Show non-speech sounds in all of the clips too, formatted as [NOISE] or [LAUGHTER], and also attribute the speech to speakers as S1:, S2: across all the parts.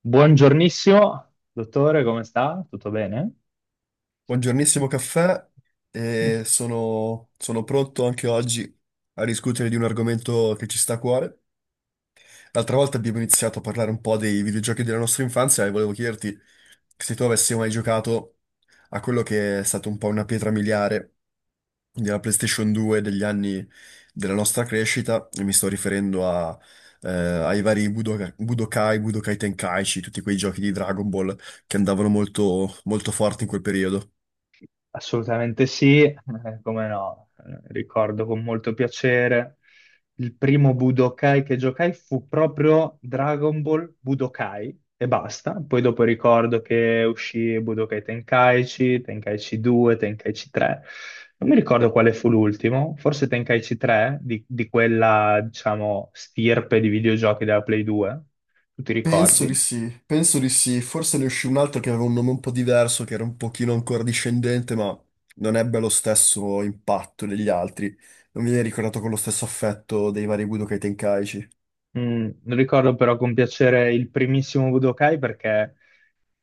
S1: Buongiornissimo, dottore, come sta? Tutto bene?
S2: Buongiornissimo caffè, e
S1: [LAUGHS]
S2: sono pronto anche oggi a discutere di un argomento che ci sta a cuore. L'altra volta abbiamo iniziato a parlare un po' dei videogiochi della nostra infanzia e volevo chiederti se tu avessi mai giocato a quello che è stato un po' una pietra miliare della PlayStation 2 degli anni della nostra crescita, e mi sto riferendo ai vari Budokai, Budokai Tenkaichi, tutti quei giochi di Dragon Ball che andavano molto molto forti in quel periodo.
S1: Assolutamente sì, come no. Ricordo con molto piacere il primo Budokai che giocai fu proprio Dragon Ball Budokai e basta. Poi dopo ricordo che uscì Budokai Tenkaichi, Tenkaichi 2, Tenkaichi 3. Non mi ricordo quale fu l'ultimo, forse Tenkaichi 3 di quella, diciamo, stirpe di videogiochi della Play 2. Tu ti
S2: Penso di
S1: ricordi?
S2: sì, penso di sì. Forse ne uscì un altro che aveva un nome un po' diverso, che era un pochino ancora discendente, ma non ebbe lo stesso impatto degli altri. Non viene ricordato con lo stesso affetto dei vari Budokai Tenkaichi.
S1: Mm, ricordo però con piacere il primissimo Budokai perché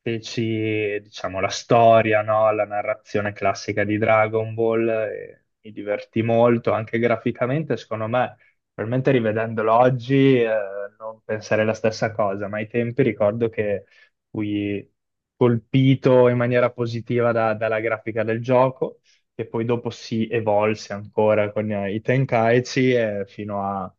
S1: feci, diciamo, la storia, no? La narrazione classica di Dragon Ball e mi divertì molto, anche graficamente, secondo me, probabilmente rivedendolo oggi, non pensare la stessa cosa, ma ai tempi ricordo che fui colpito in maniera positiva dalla grafica del gioco, che poi dopo si evolse ancora con i Tenkaichi e fino a...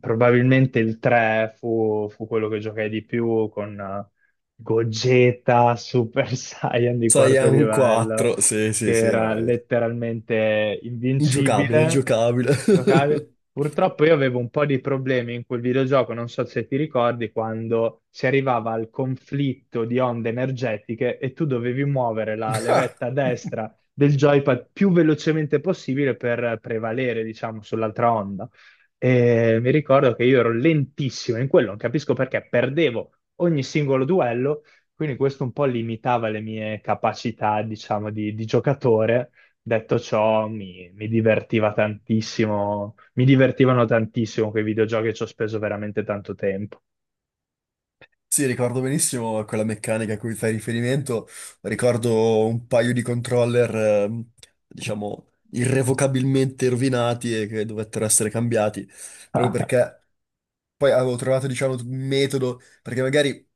S1: Probabilmente il 3 fu quello che giocai di più con Gogeta Super [LAUGHS] Saiyan di quarto
S2: Saiyan
S1: livello,
S2: 4, sì, sì,
S1: che
S2: sì,
S1: era
S2: no, è
S1: letteralmente
S2: ingiocabile,
S1: invincibile.
S2: ingiocabile.
S1: Giocavi. Purtroppo io avevo un po' di problemi in quel videogioco, non so se ti ricordi, quando si arrivava al conflitto di onde energetiche e tu dovevi muovere la
S2: [LAUGHS]
S1: levetta destra
S2: [LAUGHS]
S1: del joypad più velocemente possibile per prevalere, diciamo, sull'altra onda. E mi ricordo che io ero lentissimo in quello, non capisco perché, perdevo ogni singolo duello, quindi questo un po' limitava le mie capacità, diciamo, di giocatore. Detto ciò, mi divertiva tantissimo, mi divertivano tantissimo quei videogiochi, ci ho speso veramente tanto tempo.
S2: Sì, ricordo benissimo quella meccanica a cui fai riferimento. Ricordo un paio di controller, diciamo, irrevocabilmente rovinati e che dovettero essere cambiati, proprio
S1: [LAUGHS]
S2: perché poi avevo trovato, diciamo, un metodo, perché magari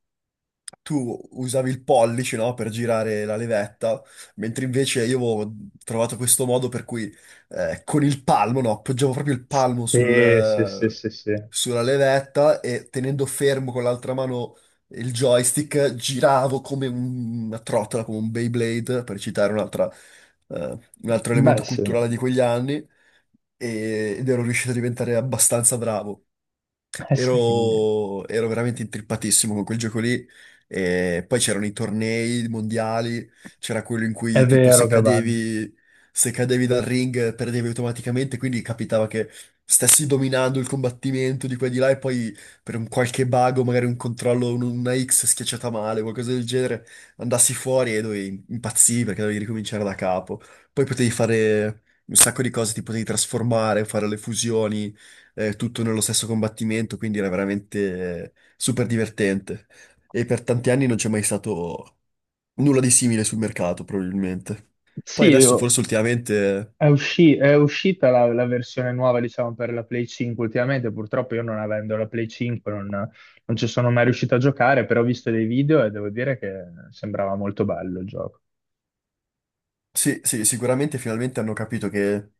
S2: tu usavi il pollice, no, per girare la levetta, mentre invece io avevo trovato questo modo per cui con il palmo, no, appoggiavo proprio il palmo sul,
S1: Sì, sì, sì, sì, sì.
S2: sulla levetta e tenendo fermo con l'altra mano il joystick giravo come una trottola, come un Beyblade, per citare un altro
S1: Beh,
S2: elemento
S1: sì.
S2: culturale di quegli anni, ed ero riuscito a diventare abbastanza bravo.
S1: Sì,
S2: Ero veramente intrippatissimo con quel gioco lì. E poi c'erano i tornei mondiali, c'era quello in
S1: è
S2: cui tipo
S1: vero che vanno.
S2: se cadevi dal ring perdevi automaticamente, quindi capitava che stessi dominando il combattimento di qua e di là e poi per un qualche bug o magari un controllo, una X schiacciata male, qualcosa del genere, andassi fuori e dovevi impazzire perché dovevi ricominciare da capo. Poi potevi fare un sacco di cose, ti potevi trasformare, fare le fusioni tutto nello stesso combattimento, quindi era veramente super divertente. E per tanti anni non c'è mai stato nulla di simile sul mercato, probabilmente.
S1: Sì,
S2: Poi adesso forse ultimamente,
S1: È uscita la, la versione nuova, diciamo, per la Play 5 ultimamente. Purtroppo io non avendo la Play 5 non ci sono mai riuscito a giocare, però ho visto dei video e devo dire che sembrava molto bello il gioco.
S2: sì, sì, sicuramente finalmente hanno capito che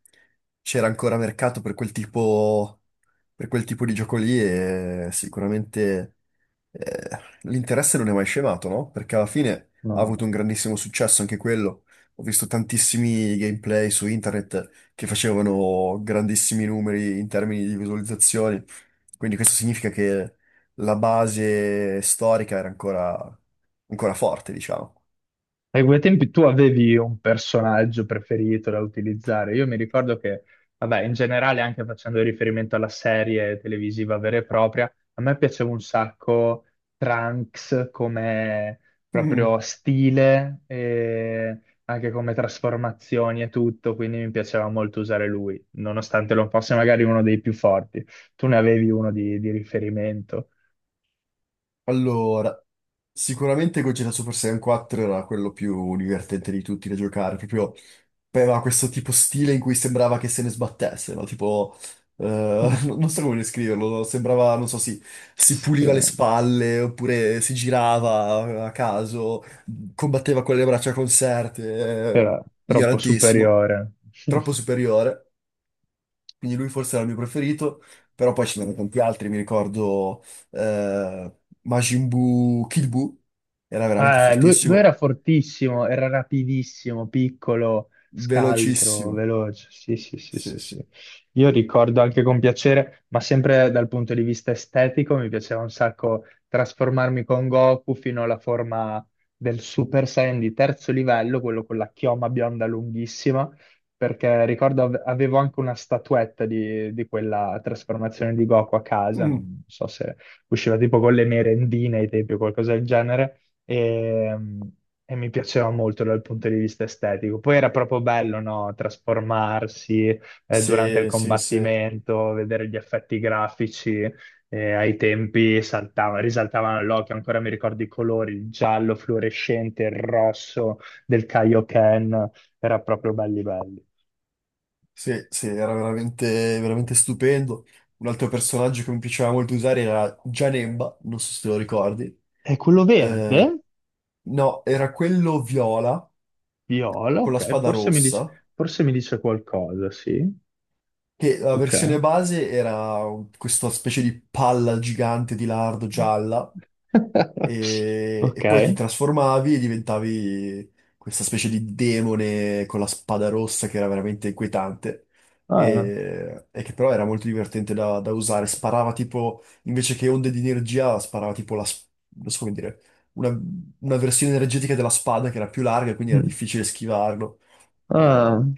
S2: c'era ancora mercato per per quel tipo di gioco lì e sicuramente eh, l'interesse non è mai scemato, no? Perché alla fine ha avuto
S1: No.
S2: un grandissimo successo anche quello. Ho visto tantissimi gameplay su internet che facevano grandissimi numeri in termini di visualizzazioni. Quindi questo significa che la base storica era ancora forte, diciamo.
S1: Ai quei tempi tu avevi un personaggio preferito da utilizzare. Io mi ricordo che, vabbè, in generale, anche facendo riferimento alla serie televisiva vera e propria, a me piaceva un sacco Trunks come
S2: Mm.
S1: proprio stile e anche come trasformazioni e tutto, quindi mi piaceva molto usare lui, nonostante non fosse magari uno dei più forti. Tu ne avevi uno di riferimento,
S2: Allora, sicuramente Gogeta Super Saiyan 4 era quello più divertente di tutti da giocare, proprio aveva questo tipo stile in cui sembrava che se ne sbattesse, no? Tipo, [LAUGHS]
S1: [LAUGHS]
S2: non so come descriverlo, no? Sembrava, non so, si
S1: Sì,
S2: puliva le spalle, oppure si girava a caso, combatteva con le braccia conserte,
S1: era troppo
S2: ignorantissimo,
S1: superiore.
S2: troppo
S1: [LAUGHS]
S2: superiore, quindi lui forse era il mio preferito, però poi ce n'erano tanti altri, mi ricordo eh, Majin Buu, Kid Buu, era veramente
S1: Lui era
S2: fortissimo,
S1: fortissimo, era rapidissimo, piccolo, scaltro,
S2: velocissimo,
S1: veloce. Sì, sì, sì, sì,
S2: sì, sì.
S1: sì. Io ricordo anche con piacere, ma sempre dal punto di vista estetico, mi piaceva un sacco trasformarmi con Goku fino alla forma del Super Saiyan di terzo livello, quello con la chioma bionda lunghissima, perché ricordo avevo anche una statuetta di quella trasformazione di Goku a casa,
S2: Mm.
S1: non so se usciva tipo con le merendine ai tempi o qualcosa del genere e, e mi piaceva molto dal punto di vista estetico. Poi era proprio bello, no? Trasformarsi durante il
S2: Sì, sì, sì.
S1: combattimento, vedere gli effetti grafici. Eh, ai tempi risaltavano all'occhio, ancora mi ricordo i colori, il giallo fluorescente, il rosso del Kaioken, era proprio belli belli.
S2: Sì, sì, era veramente, veramente stupendo. Un altro personaggio che mi piaceva molto usare era Janemba, non so se te lo ricordi.
S1: E quello verde,
S2: Eh, no, era quello viola
S1: viola,
S2: con la
S1: ok,
S2: spada rossa,
S1: forse mi dice qualcosa, sì,
S2: che la
S1: ok.
S2: versione base era questa specie di palla gigante di lardo gialla
S1: [LAUGHS] Ok,
S2: e poi ti trasformavi e diventavi questa specie di demone con la spada rossa che era veramente inquietante
S1: Ah,
S2: e che però era molto divertente da usare. Sparava tipo, invece che onde di energia, sparava tipo non so come dire, una, una versione energetica della spada che era più larga, quindi era
S1: mm,
S2: difficile schivarlo.
S1: ah,
S2: Ehm,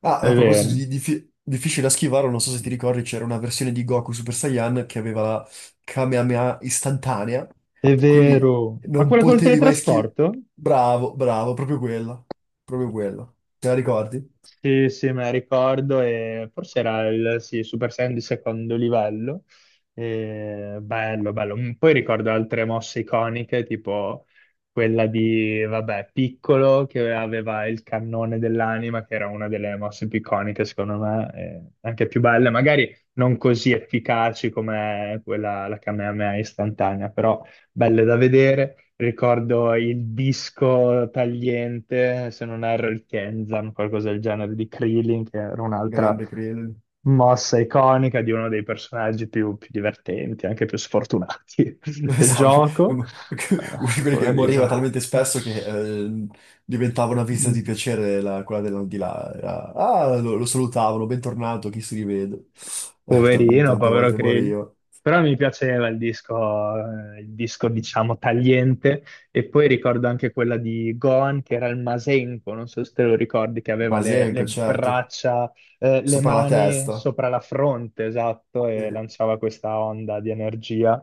S2: Ah,
S1: è
S2: a proposito
S1: vero,
S2: di difficile da schivare, non so se ti ricordi, c'era una versione di Goku Super Saiyan che aveva la Kamehameha istantanea,
S1: è
S2: che quindi
S1: vero. Ma
S2: non
S1: quella col
S2: potevi mai schivare.
S1: teletrasporto?
S2: Bravo, bravo, proprio quella. Proprio quella. Te la ricordi?
S1: Sì, sì, me la ricordo e forse era il sì, Super Saiyan di secondo livello. E bello, bello. Mm, poi ricordo altre mosse iconiche, tipo quella di, vabbè, Piccolo che aveva il cannone dell'anima, che era una delle mosse più iconiche, secondo me, e anche più belle, magari non così efficaci come quella, la Kamehameha istantanea, però belle da vedere. Ricordo il disco tagliente, se non erro il Kenzan, qualcosa del genere di Krillin, che era un'altra
S2: Grande periodo. [LAUGHS]
S1: mossa iconica di uno dei personaggi più divertenti, anche più sfortunati [LAUGHS] del
S2: Esatto.
S1: gioco.
S2: Uno
S1: Ah,
S2: di quelli che moriva
S1: poverino.
S2: talmente spesso che eh, diventava una visita di
S1: Mm.
S2: piacere quella di là. Ah, lo salutavano, bentornato, chi si rivede. [LAUGHS] Talmente
S1: Poverino,
S2: tante
S1: povero
S2: volte
S1: Creli.
S2: moriva.
S1: Però mi piaceva il disco, diciamo, tagliente. E poi ricordo anche quella di Gohan, che era il Masenko, non so se te lo ricordi, che
S2: Ma
S1: aveva le
S2: Masenko, certo.
S1: braccia, le
S2: Sopra la
S1: mani
S2: testa.
S1: sopra la fronte, esatto, e
S2: Eh,
S1: lanciava questa onda di energia.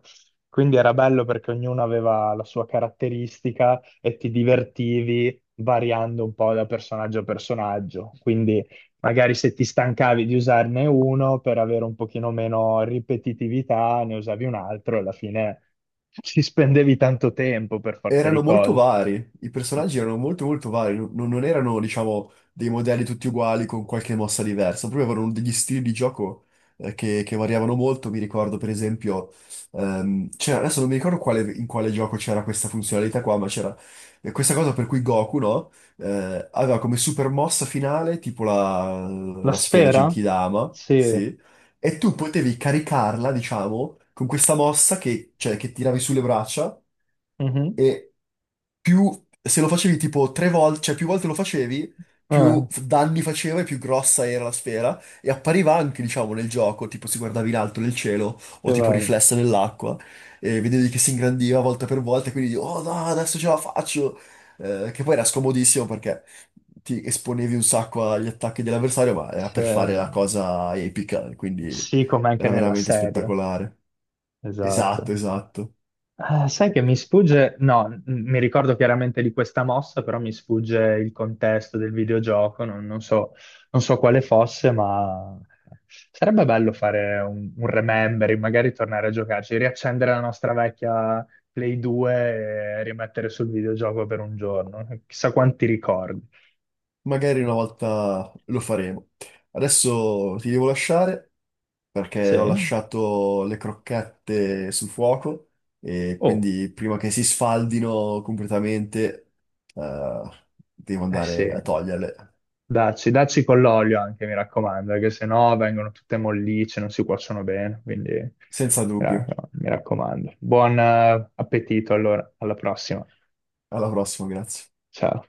S1: Quindi era bello perché ognuno aveva la sua caratteristica e ti divertivi variando un po' da personaggio a personaggio. Quindi magari se ti stancavi di usarne uno per avere un pochino meno ripetitività, ne usavi un altro e alla fine ci spendevi tanto tempo per forza di
S2: Erano molto
S1: cose.
S2: vari, i personaggi erano molto molto vari, non erano, diciamo, dei modelli tutti uguali con qualche mossa diversa, proprio avevano degli stili di gioco che variavano molto. Mi ricordo, per esempio, adesso non mi ricordo in quale gioco c'era questa funzionalità qua, ma c'era questa cosa per cui Goku, no? Aveva come super mossa finale tipo
S1: La
S2: la sfera
S1: sfera?
S2: Genkidama,
S1: Sì.
S2: sì. E tu potevi caricarla, diciamo, con questa mossa che, cioè, che tiravi sulle braccia
S1: Mhm.
S2: e più, se lo facevi tipo tre volte, cioè più volte lo facevi,
S1: Ah,
S2: danni faceva e più grossa era la sfera e appariva anche, diciamo, nel gioco, tipo si guardava in alto nel cielo
S1: che
S2: o tipo
S1: bello.
S2: riflessa nell'acqua e vedevi che si ingrandiva volta per volta e quindi, oh no, adesso ce la faccio! Che poi era scomodissimo perché ti esponevi un sacco agli attacchi dell'avversario, ma
S1: Sì,
S2: era per fare la
S1: sì,
S2: cosa epica, quindi
S1: sì, come anche
S2: era
S1: nella
S2: veramente
S1: serie.
S2: spettacolare. Esatto,
S1: Esatto.
S2: esatto.
S1: Sai che mi sfugge, no, mi ricordo chiaramente di questa mossa, però mi sfugge il contesto del videogioco, non so, non so quale fosse, ma sarebbe bello fare un remembering, magari tornare a giocarci, riaccendere la nostra vecchia Play 2 e rimettere sul videogioco per un giorno, chissà quanti ricordi.
S2: Magari una volta lo faremo. Adesso ti devo lasciare perché ho
S1: Sì?
S2: lasciato le crocchette sul fuoco e
S1: Oh,
S2: quindi prima che si sfaldino completamente, eh, devo
S1: eh sì.
S2: andare a toglierle.
S1: Dacci con l'olio anche, mi raccomando, perché sennò vengono tutte mollicce, non si cuociono bene, quindi
S2: Senza dubbio.
S1: no, mi raccomando. Buon appetito allora, alla prossima.
S2: Alla prossima, grazie.
S1: Ciao.